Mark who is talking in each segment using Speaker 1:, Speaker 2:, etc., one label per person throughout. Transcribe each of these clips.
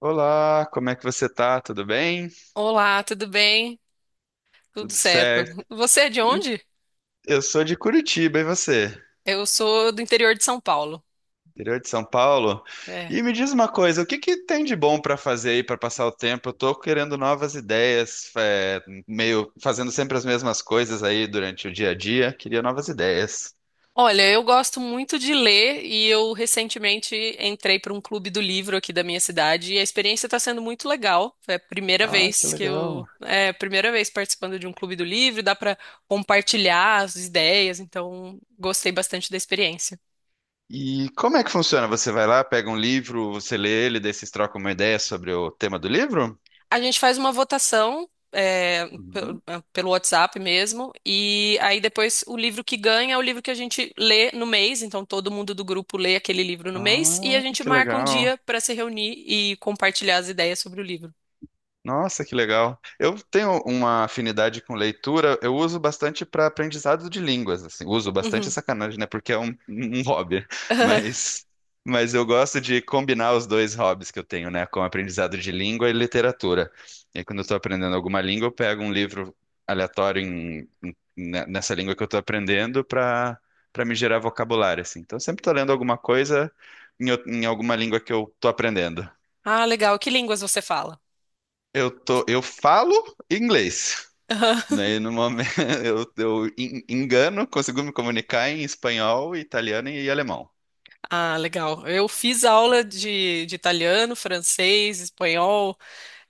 Speaker 1: Olá, como é que você tá? Tudo bem?
Speaker 2: Olá, tudo bem? Tudo
Speaker 1: Tudo
Speaker 2: certo.
Speaker 1: certo?
Speaker 2: Você é de
Speaker 1: Em-
Speaker 2: onde?
Speaker 1: Eu sou de Curitiba, e você?
Speaker 2: Eu sou do interior de São Paulo.
Speaker 1: Interior de São Paulo?
Speaker 2: É.
Speaker 1: E me diz uma coisa, o que que tem de bom pra fazer aí pra passar o tempo? Eu tô querendo novas ideias, meio fazendo sempre as mesmas coisas aí durante o dia a dia. Queria novas ideias.
Speaker 2: Olha, eu gosto muito de ler e eu recentemente entrei para um clube do livro aqui da minha cidade e a experiência está sendo muito legal. É a primeira
Speaker 1: Ah, que
Speaker 2: vez que eu,
Speaker 1: legal.
Speaker 2: É a primeira vez participando de um clube do livro, dá para compartilhar as ideias, então gostei bastante da experiência.
Speaker 1: E como é que funciona? Você vai lá, pega um livro, você lê ele, daí vocês trocam uma ideia sobre o tema do livro?
Speaker 2: A gente faz uma votação
Speaker 1: Uhum.
Speaker 2: pelo WhatsApp mesmo, e aí depois o livro que ganha é o livro que a gente lê no mês, então todo mundo do grupo lê aquele livro no mês, e a
Speaker 1: Ah,
Speaker 2: gente
Speaker 1: que
Speaker 2: marca um
Speaker 1: legal.
Speaker 2: dia para se reunir e compartilhar as ideias sobre o livro.
Speaker 1: Nossa, que legal. Eu tenho uma afinidade com leitura, eu uso bastante para aprendizado de línguas, assim. Uso bastante é
Speaker 2: Uhum.
Speaker 1: sacanagem, né? Porque é um hobby, mas mas eu gosto de combinar os dois hobbies que eu tenho, né, com aprendizado de língua e literatura. E aí, quando eu estou aprendendo alguma língua, eu pego um livro aleatório nessa língua que eu estou aprendendo para me gerar vocabulário, assim. Então, eu sempre estou lendo alguma coisa em alguma língua que eu estou aprendendo.
Speaker 2: Ah, legal. Que línguas você fala?
Speaker 1: Eu falo inglês. Daí, no momento, engano, consigo me comunicar em espanhol, italiano e alemão.
Speaker 2: Ah, legal. Eu fiz aula de italiano, francês, espanhol.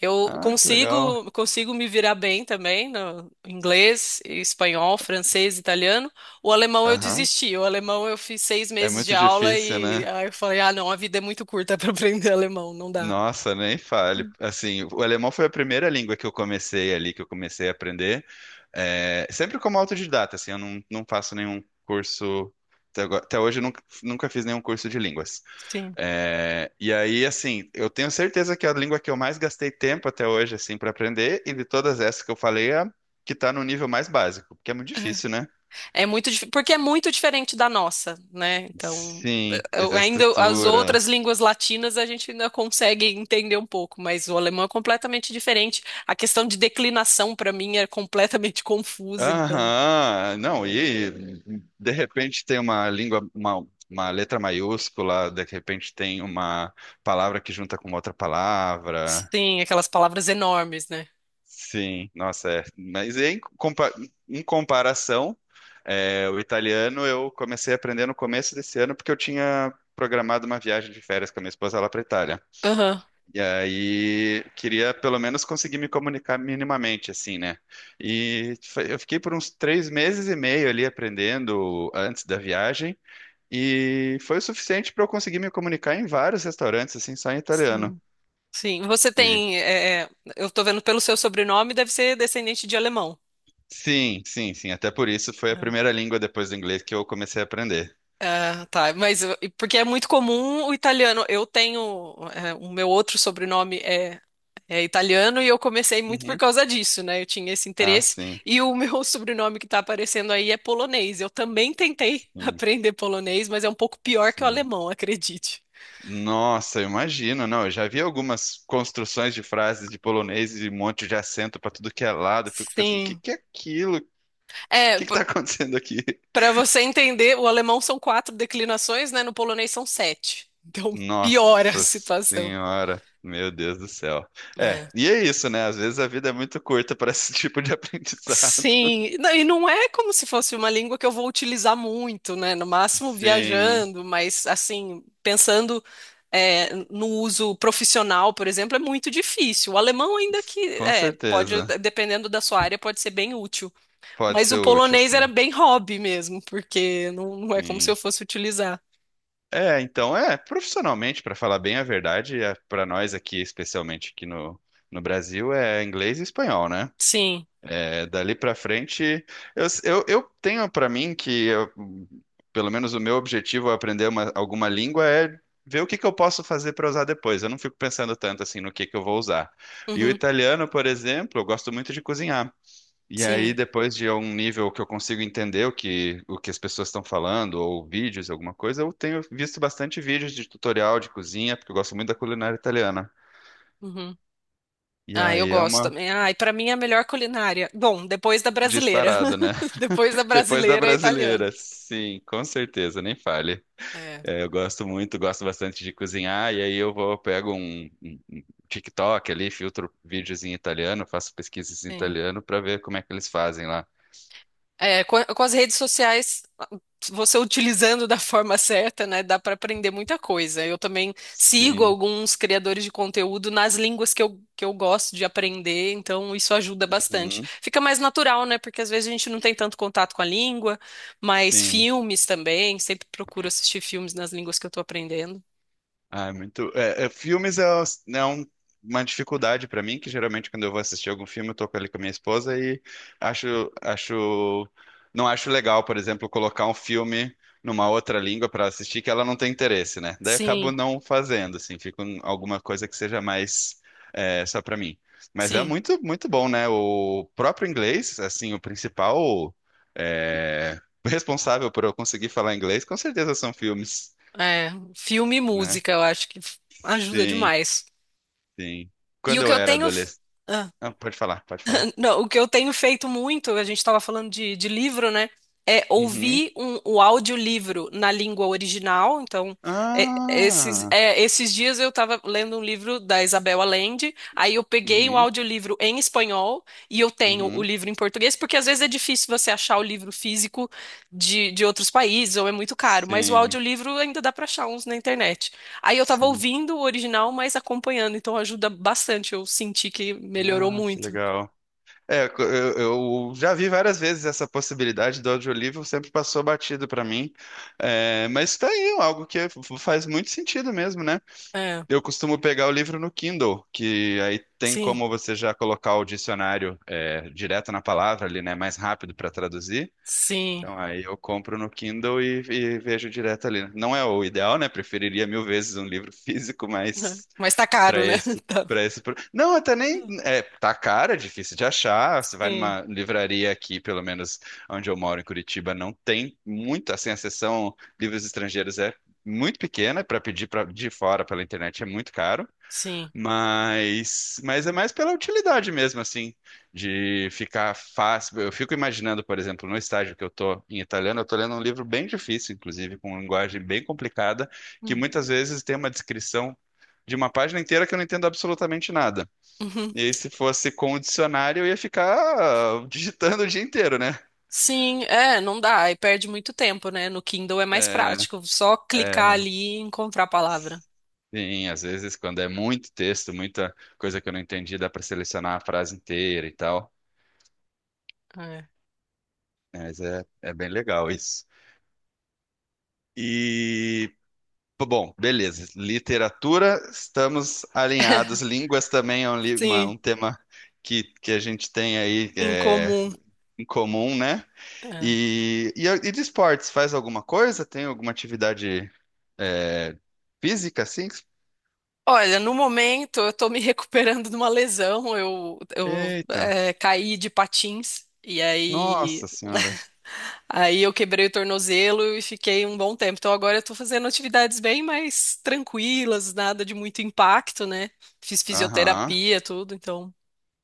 Speaker 2: Eu
Speaker 1: Ah, que legal.
Speaker 2: consigo, consigo me virar bem também no inglês, espanhol, francês, italiano. O alemão eu
Speaker 1: Aham.
Speaker 2: desisti. O alemão eu fiz seis
Speaker 1: É
Speaker 2: meses de
Speaker 1: muito
Speaker 2: aula
Speaker 1: difícil,
Speaker 2: e
Speaker 1: né?
Speaker 2: aí eu falei, ah, não, a vida é muito curta para aprender alemão, não dá.
Speaker 1: Nossa, nem fale. Assim, o alemão foi a primeira língua que eu comecei ali, que eu comecei a aprender. É, sempre como autodidata, assim, eu não, não faço nenhum curso. Até hoje eu nunca, nunca fiz nenhum curso de línguas.
Speaker 2: Sim.
Speaker 1: É, e aí, assim, eu tenho certeza que é a língua que eu mais gastei tempo até hoje, assim, para aprender, e de todas essas que eu falei, é a que tá no nível mais básico, porque é muito difícil, né?
Speaker 2: É muito, porque é muito diferente da nossa, né? Então,
Speaker 1: Sim, essa
Speaker 2: ainda as outras
Speaker 1: estrutura.
Speaker 2: línguas latinas a gente ainda consegue entender um pouco, mas o alemão é completamente diferente. A questão de declinação para mim é completamente confusa, então.
Speaker 1: Aham, não, e de repente tem uma língua, uma letra maiúscula, de repente tem uma palavra que junta com outra palavra.
Speaker 2: Sim, aquelas palavras enormes, né?
Speaker 1: Sim, nossa, é. Em comparação, o italiano eu comecei a aprender no começo desse ano porque eu tinha programado uma viagem de férias com a minha esposa lá para Itália.
Speaker 2: Aham.
Speaker 1: E aí queria pelo menos conseguir me comunicar minimamente, assim, né? Eu fiquei por uns três meses e meio ali aprendendo antes da viagem e foi o suficiente para eu conseguir me comunicar em vários restaurantes, assim, só em italiano.
Speaker 2: Sim. Sim. Você tem. É, é, eu tô vendo pelo seu sobrenome, deve ser descendente de alemão.
Speaker 1: Sim, sim, sim. Até por isso foi a
Speaker 2: Aham.
Speaker 1: primeira língua depois do inglês que eu comecei a aprender.
Speaker 2: Ah, tá. Mas porque é muito comum o italiano. O meu outro sobrenome é italiano e eu comecei muito por
Speaker 1: Uhum.
Speaker 2: causa disso, né? Eu tinha esse
Speaker 1: Ah,
Speaker 2: interesse.
Speaker 1: sim.
Speaker 2: E o meu sobrenome que tá aparecendo aí é polonês. Eu também tentei
Speaker 1: Sim,
Speaker 2: aprender polonês, mas é um pouco pior que o
Speaker 1: sim.
Speaker 2: alemão, acredite.
Speaker 1: Nossa, eu imagino, não. Eu já vi algumas construções de frases de polonês e um monte de acento pra tudo que é lado. Eu fico pensando, o que
Speaker 2: Sim.
Speaker 1: que é aquilo? O
Speaker 2: É,
Speaker 1: que que tá acontecendo aqui?
Speaker 2: para você entender, o alemão são quatro declinações, né? No polonês são sete. Então piora a
Speaker 1: Nossa
Speaker 2: situação.
Speaker 1: Senhora, meu Deus do céu. É,
Speaker 2: É.
Speaker 1: e é isso, né? Às vezes a vida é muito curta para esse tipo de aprendizado.
Speaker 2: Sim, e não é como se fosse uma língua que eu vou utilizar muito, né? No máximo
Speaker 1: Sim,
Speaker 2: viajando, mas assim, pensando no uso profissional, por exemplo, é muito difícil. O alemão, ainda que
Speaker 1: com
Speaker 2: pode,
Speaker 1: certeza.
Speaker 2: dependendo da sua área, pode ser bem útil.
Speaker 1: Pode
Speaker 2: Mas
Speaker 1: ser
Speaker 2: o
Speaker 1: útil,
Speaker 2: polonês era
Speaker 1: sim.
Speaker 2: bem hobby mesmo, porque não é como se eu
Speaker 1: Sim.
Speaker 2: fosse utilizar.
Speaker 1: É, então, profissionalmente, para falar bem a verdade, para nós aqui, especialmente aqui no Brasil, é inglês e espanhol, né?
Speaker 2: Sim.
Speaker 1: É, dali para frente, eu tenho para mim que pelo menos o meu objetivo ao aprender alguma língua é ver o que que eu posso fazer para usar depois. Eu não fico pensando tanto assim no que eu vou usar. E o
Speaker 2: Uhum.
Speaker 1: italiano, por exemplo, eu gosto muito de cozinhar. E aí,
Speaker 2: Sim.
Speaker 1: depois de um nível que eu consigo entender o que as pessoas estão falando, ou vídeos, alguma coisa, eu tenho visto bastante vídeos de tutorial de cozinha, porque eu gosto muito da culinária italiana.
Speaker 2: Uhum.
Speaker 1: E
Speaker 2: Ah, eu
Speaker 1: aí é
Speaker 2: gosto
Speaker 1: uma
Speaker 2: também. Ah, e para mim é a melhor culinária. Bom, depois da brasileira.
Speaker 1: disparada, né?
Speaker 2: Depois da
Speaker 1: Depois da
Speaker 2: brasileira é italiano.
Speaker 1: brasileira, sim, com certeza, nem fale.
Speaker 2: É,
Speaker 1: É, gosto bastante de cozinhar, e aí eu vou, pego um TikTok ali, filtro vídeos em italiano, faço pesquisas em
Speaker 2: sim.
Speaker 1: italiano para ver como é que eles fazem lá.
Speaker 2: É, com as redes sociais, você utilizando da forma certa, né, dá para aprender muita coisa. Eu também sigo
Speaker 1: Sim.
Speaker 2: alguns criadores de conteúdo nas línguas que eu gosto de aprender, então isso ajuda bastante.
Speaker 1: Uhum.
Speaker 2: Fica mais natural, né, porque às vezes a gente não tem tanto contato com a língua, mas
Speaker 1: Sim.
Speaker 2: filmes também, sempre procuro assistir filmes nas línguas que eu estou aprendendo.
Speaker 1: Ah, é muito. Filmes é, é um- uma dificuldade pra mim, que geralmente quando eu vou assistir algum filme, eu tô ali com a minha esposa e acho, acho, não acho legal, por exemplo, colocar um filme numa outra língua pra assistir que ela não tem interesse, né? Daí eu acabo
Speaker 2: Sim,
Speaker 1: não fazendo, assim, fico em alguma coisa que seja mais só pra mim. Mas é
Speaker 2: sim.
Speaker 1: muito, muito bom, né? O próprio inglês, assim, o principal responsável por eu conseguir falar inglês, com certeza são filmes,
Speaker 2: É, filme e
Speaker 1: né?
Speaker 2: música, eu acho que ajuda
Speaker 1: Sim.
Speaker 2: demais.
Speaker 1: Sim.
Speaker 2: E
Speaker 1: Quando
Speaker 2: o que
Speaker 1: eu
Speaker 2: eu
Speaker 1: era
Speaker 2: tenho.
Speaker 1: adolescente. Ah, pode falar, pode falar.
Speaker 2: Não, o que eu tenho feito muito, a gente estava falando de livro, né? É
Speaker 1: Uhum.
Speaker 2: ouvir o audiolivro na língua original. Então,
Speaker 1: Ah!
Speaker 2: esses dias eu estava lendo um livro da Isabel Allende, aí eu peguei o
Speaker 1: Uhum,
Speaker 2: audiolivro em espanhol e eu tenho o
Speaker 1: uhum.
Speaker 2: livro em português, porque às vezes é difícil você achar o livro físico de outros países ou é muito caro, mas o
Speaker 1: Sim,
Speaker 2: audiolivro ainda dá para achar uns na internet. Aí eu estava
Speaker 1: sim.
Speaker 2: ouvindo o original, mas acompanhando, então ajuda bastante. Eu senti que melhorou
Speaker 1: Ah, que
Speaker 2: muito.
Speaker 1: legal. É, co- eu, eu já vi várias vezes essa possibilidade do audiolivro, sempre passou batido pra mim. É, mas tá aí, algo que faz muito sentido mesmo, né?
Speaker 2: É.
Speaker 1: Eu costumo pegar o livro no Kindle, que aí tem
Speaker 2: Sim,
Speaker 1: como você já colocar o dicionário direto na palavra ali, né? Mais rápido para traduzir.
Speaker 2: sim.
Speaker 1: Então, aí eu compro no Kindle e vejo direto ali, né? Não é o ideal, né? Preferiria mil vezes um livro físico, mas
Speaker 2: Mas tá caro, né? Tá.
Speaker 1: para esse, pro- não, até nem é, tá cara, difícil de achar. Você vai
Speaker 2: Sim,
Speaker 1: numa livraria aqui, pelo menos onde eu moro em Curitiba, não tem muito, assim, a seção livros estrangeiros é muito pequena, para pedir de fora pela internet é muito caro.
Speaker 2: sim.
Speaker 1: Mas é mais pela utilidade mesmo, assim, de ficar fácil. Eu fico imaginando, por exemplo, no estágio que eu tô em italiano, eu tô lendo um livro bem difícil, inclusive, com linguagem bem complicada, que
Speaker 2: Hum.
Speaker 1: muitas vezes tem uma descrição de uma página inteira que eu não entendo absolutamente nada.
Speaker 2: Uhum.
Speaker 1: E aí, se fosse com o dicionário, eu ia ficar ah, digitando o dia inteiro, né?
Speaker 2: Sim, não dá. E perde muito tempo, né? No Kindle é mais
Speaker 1: É,
Speaker 2: prático. Só clicar
Speaker 1: é,
Speaker 2: ali e encontrar a palavra.
Speaker 1: sim, às vezes quando é muito texto, muita coisa que eu não entendi, dá para selecionar a frase inteira e tal.
Speaker 2: É.
Speaker 1: Mas é bem legal isso. E, bom, beleza. Literatura, estamos alinhados. Línguas também é
Speaker 2: Sim,
Speaker 1: um tema que a gente tem aí
Speaker 2: incomum.
Speaker 1: em comum, né?
Speaker 2: É.
Speaker 1: E de esportes, faz alguma coisa? Tem alguma atividade é, física, assim?
Speaker 2: Olha, no momento eu tô me recuperando de uma lesão. Eu, eu
Speaker 1: Eita,
Speaker 2: é, caí de patins. E aí.
Speaker 1: nossa senhora.
Speaker 2: Aí eu quebrei o tornozelo e fiquei um bom tempo. Então agora eu tô fazendo atividades bem mais tranquilas, nada de muito impacto, né? Fiz
Speaker 1: Aham.
Speaker 2: fisioterapia, tudo, então.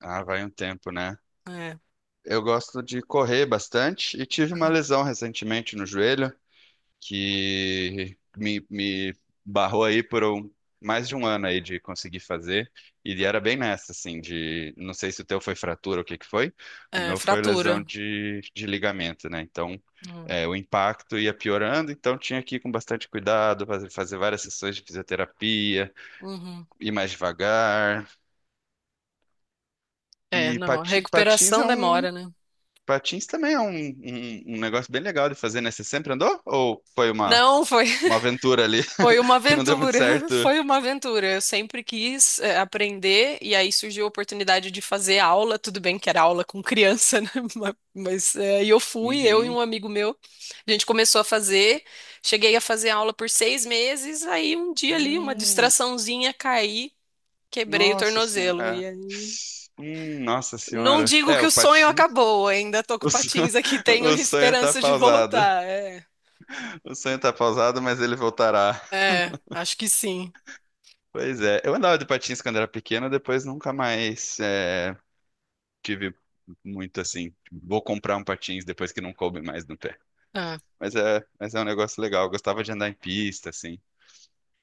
Speaker 1: Ah, vai um tempo, né?
Speaker 2: É,
Speaker 1: Eu gosto de correr bastante e tive uma
Speaker 2: Aham.
Speaker 1: lesão recentemente no joelho, me barrou aí mais de um ano aí de conseguir fazer. E era bem nessa, assim, de não sei se o teu foi fratura ou o que que foi. O
Speaker 2: é
Speaker 1: meu foi lesão
Speaker 2: fratura.
Speaker 1: de ligamento, né? Então,
Speaker 2: Hum,
Speaker 1: o impacto ia piorando, então tinha que ir com bastante cuidado, fazer várias sessões de fisioterapia,
Speaker 2: uhum.
Speaker 1: ir mais devagar.
Speaker 2: É, não, a
Speaker 1: Patins é
Speaker 2: recuperação
Speaker 1: um.
Speaker 2: demora, né?
Speaker 1: Patins também é um negócio bem legal de fazer, né? Você sempre andou? Ou foi
Speaker 2: Não, foi.
Speaker 1: uma aventura ali
Speaker 2: Foi uma
Speaker 1: que não deu muito
Speaker 2: aventura,
Speaker 1: certo?
Speaker 2: foi uma aventura. Eu sempre quis aprender e aí surgiu a oportunidade de fazer aula. Tudo bem que era aula com criança, né? Mas e eu fui, eu e
Speaker 1: Uhum.
Speaker 2: um amigo meu. A gente começou a fazer, cheguei a fazer aula por 6 meses. Aí um dia ali, uma
Speaker 1: Hum,
Speaker 2: distraçãozinha, caí, quebrei o
Speaker 1: nossa senhora.
Speaker 2: tornozelo.
Speaker 1: É.
Speaker 2: E aí,
Speaker 1: Nossa
Speaker 2: não
Speaker 1: senhora.
Speaker 2: digo
Speaker 1: É,
Speaker 2: que
Speaker 1: o
Speaker 2: o sonho
Speaker 1: Patins.
Speaker 2: acabou, ainda tô com
Speaker 1: O sonho,
Speaker 2: patins aqui, tenho
Speaker 1: o sonho tá
Speaker 2: esperança de
Speaker 1: pausado.
Speaker 2: voltar. É,
Speaker 1: O sonho tá pausado, mas ele voltará.
Speaker 2: é, acho que sim.
Speaker 1: Pois é. Eu andava de patins quando era pequeno, depois nunca mais tive muito assim. Vou comprar um patins depois que não coube mais no pé.
Speaker 2: Ah.
Speaker 1: Mas é um negócio legal. Eu gostava de andar em pista, assim.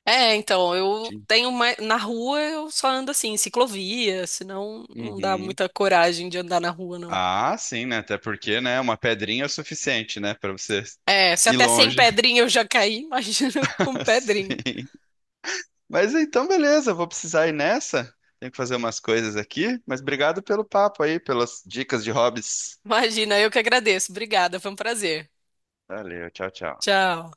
Speaker 2: É, então, eu
Speaker 1: Tinha-
Speaker 2: tenho mais. Na rua eu só ando assim, em ciclovia, senão não dá
Speaker 1: Uhum.
Speaker 2: muita coragem de andar na rua, não.
Speaker 1: Ah, sim, né? Até porque, né? Uma pedrinha é o suficiente, né? Pra você
Speaker 2: É, se
Speaker 1: ir
Speaker 2: até sem
Speaker 1: longe.
Speaker 2: pedrinha eu já caí, imagina com pedrinha.
Speaker 1: Sim. Mas então, beleza, eu vou precisar ir nessa. Tenho que fazer umas coisas aqui, mas obrigado pelo papo aí, pelas dicas de hobbies.
Speaker 2: Imagina, eu que agradeço. Obrigada, foi um prazer.
Speaker 1: Valeu, tchau, tchau.
Speaker 2: Tchau.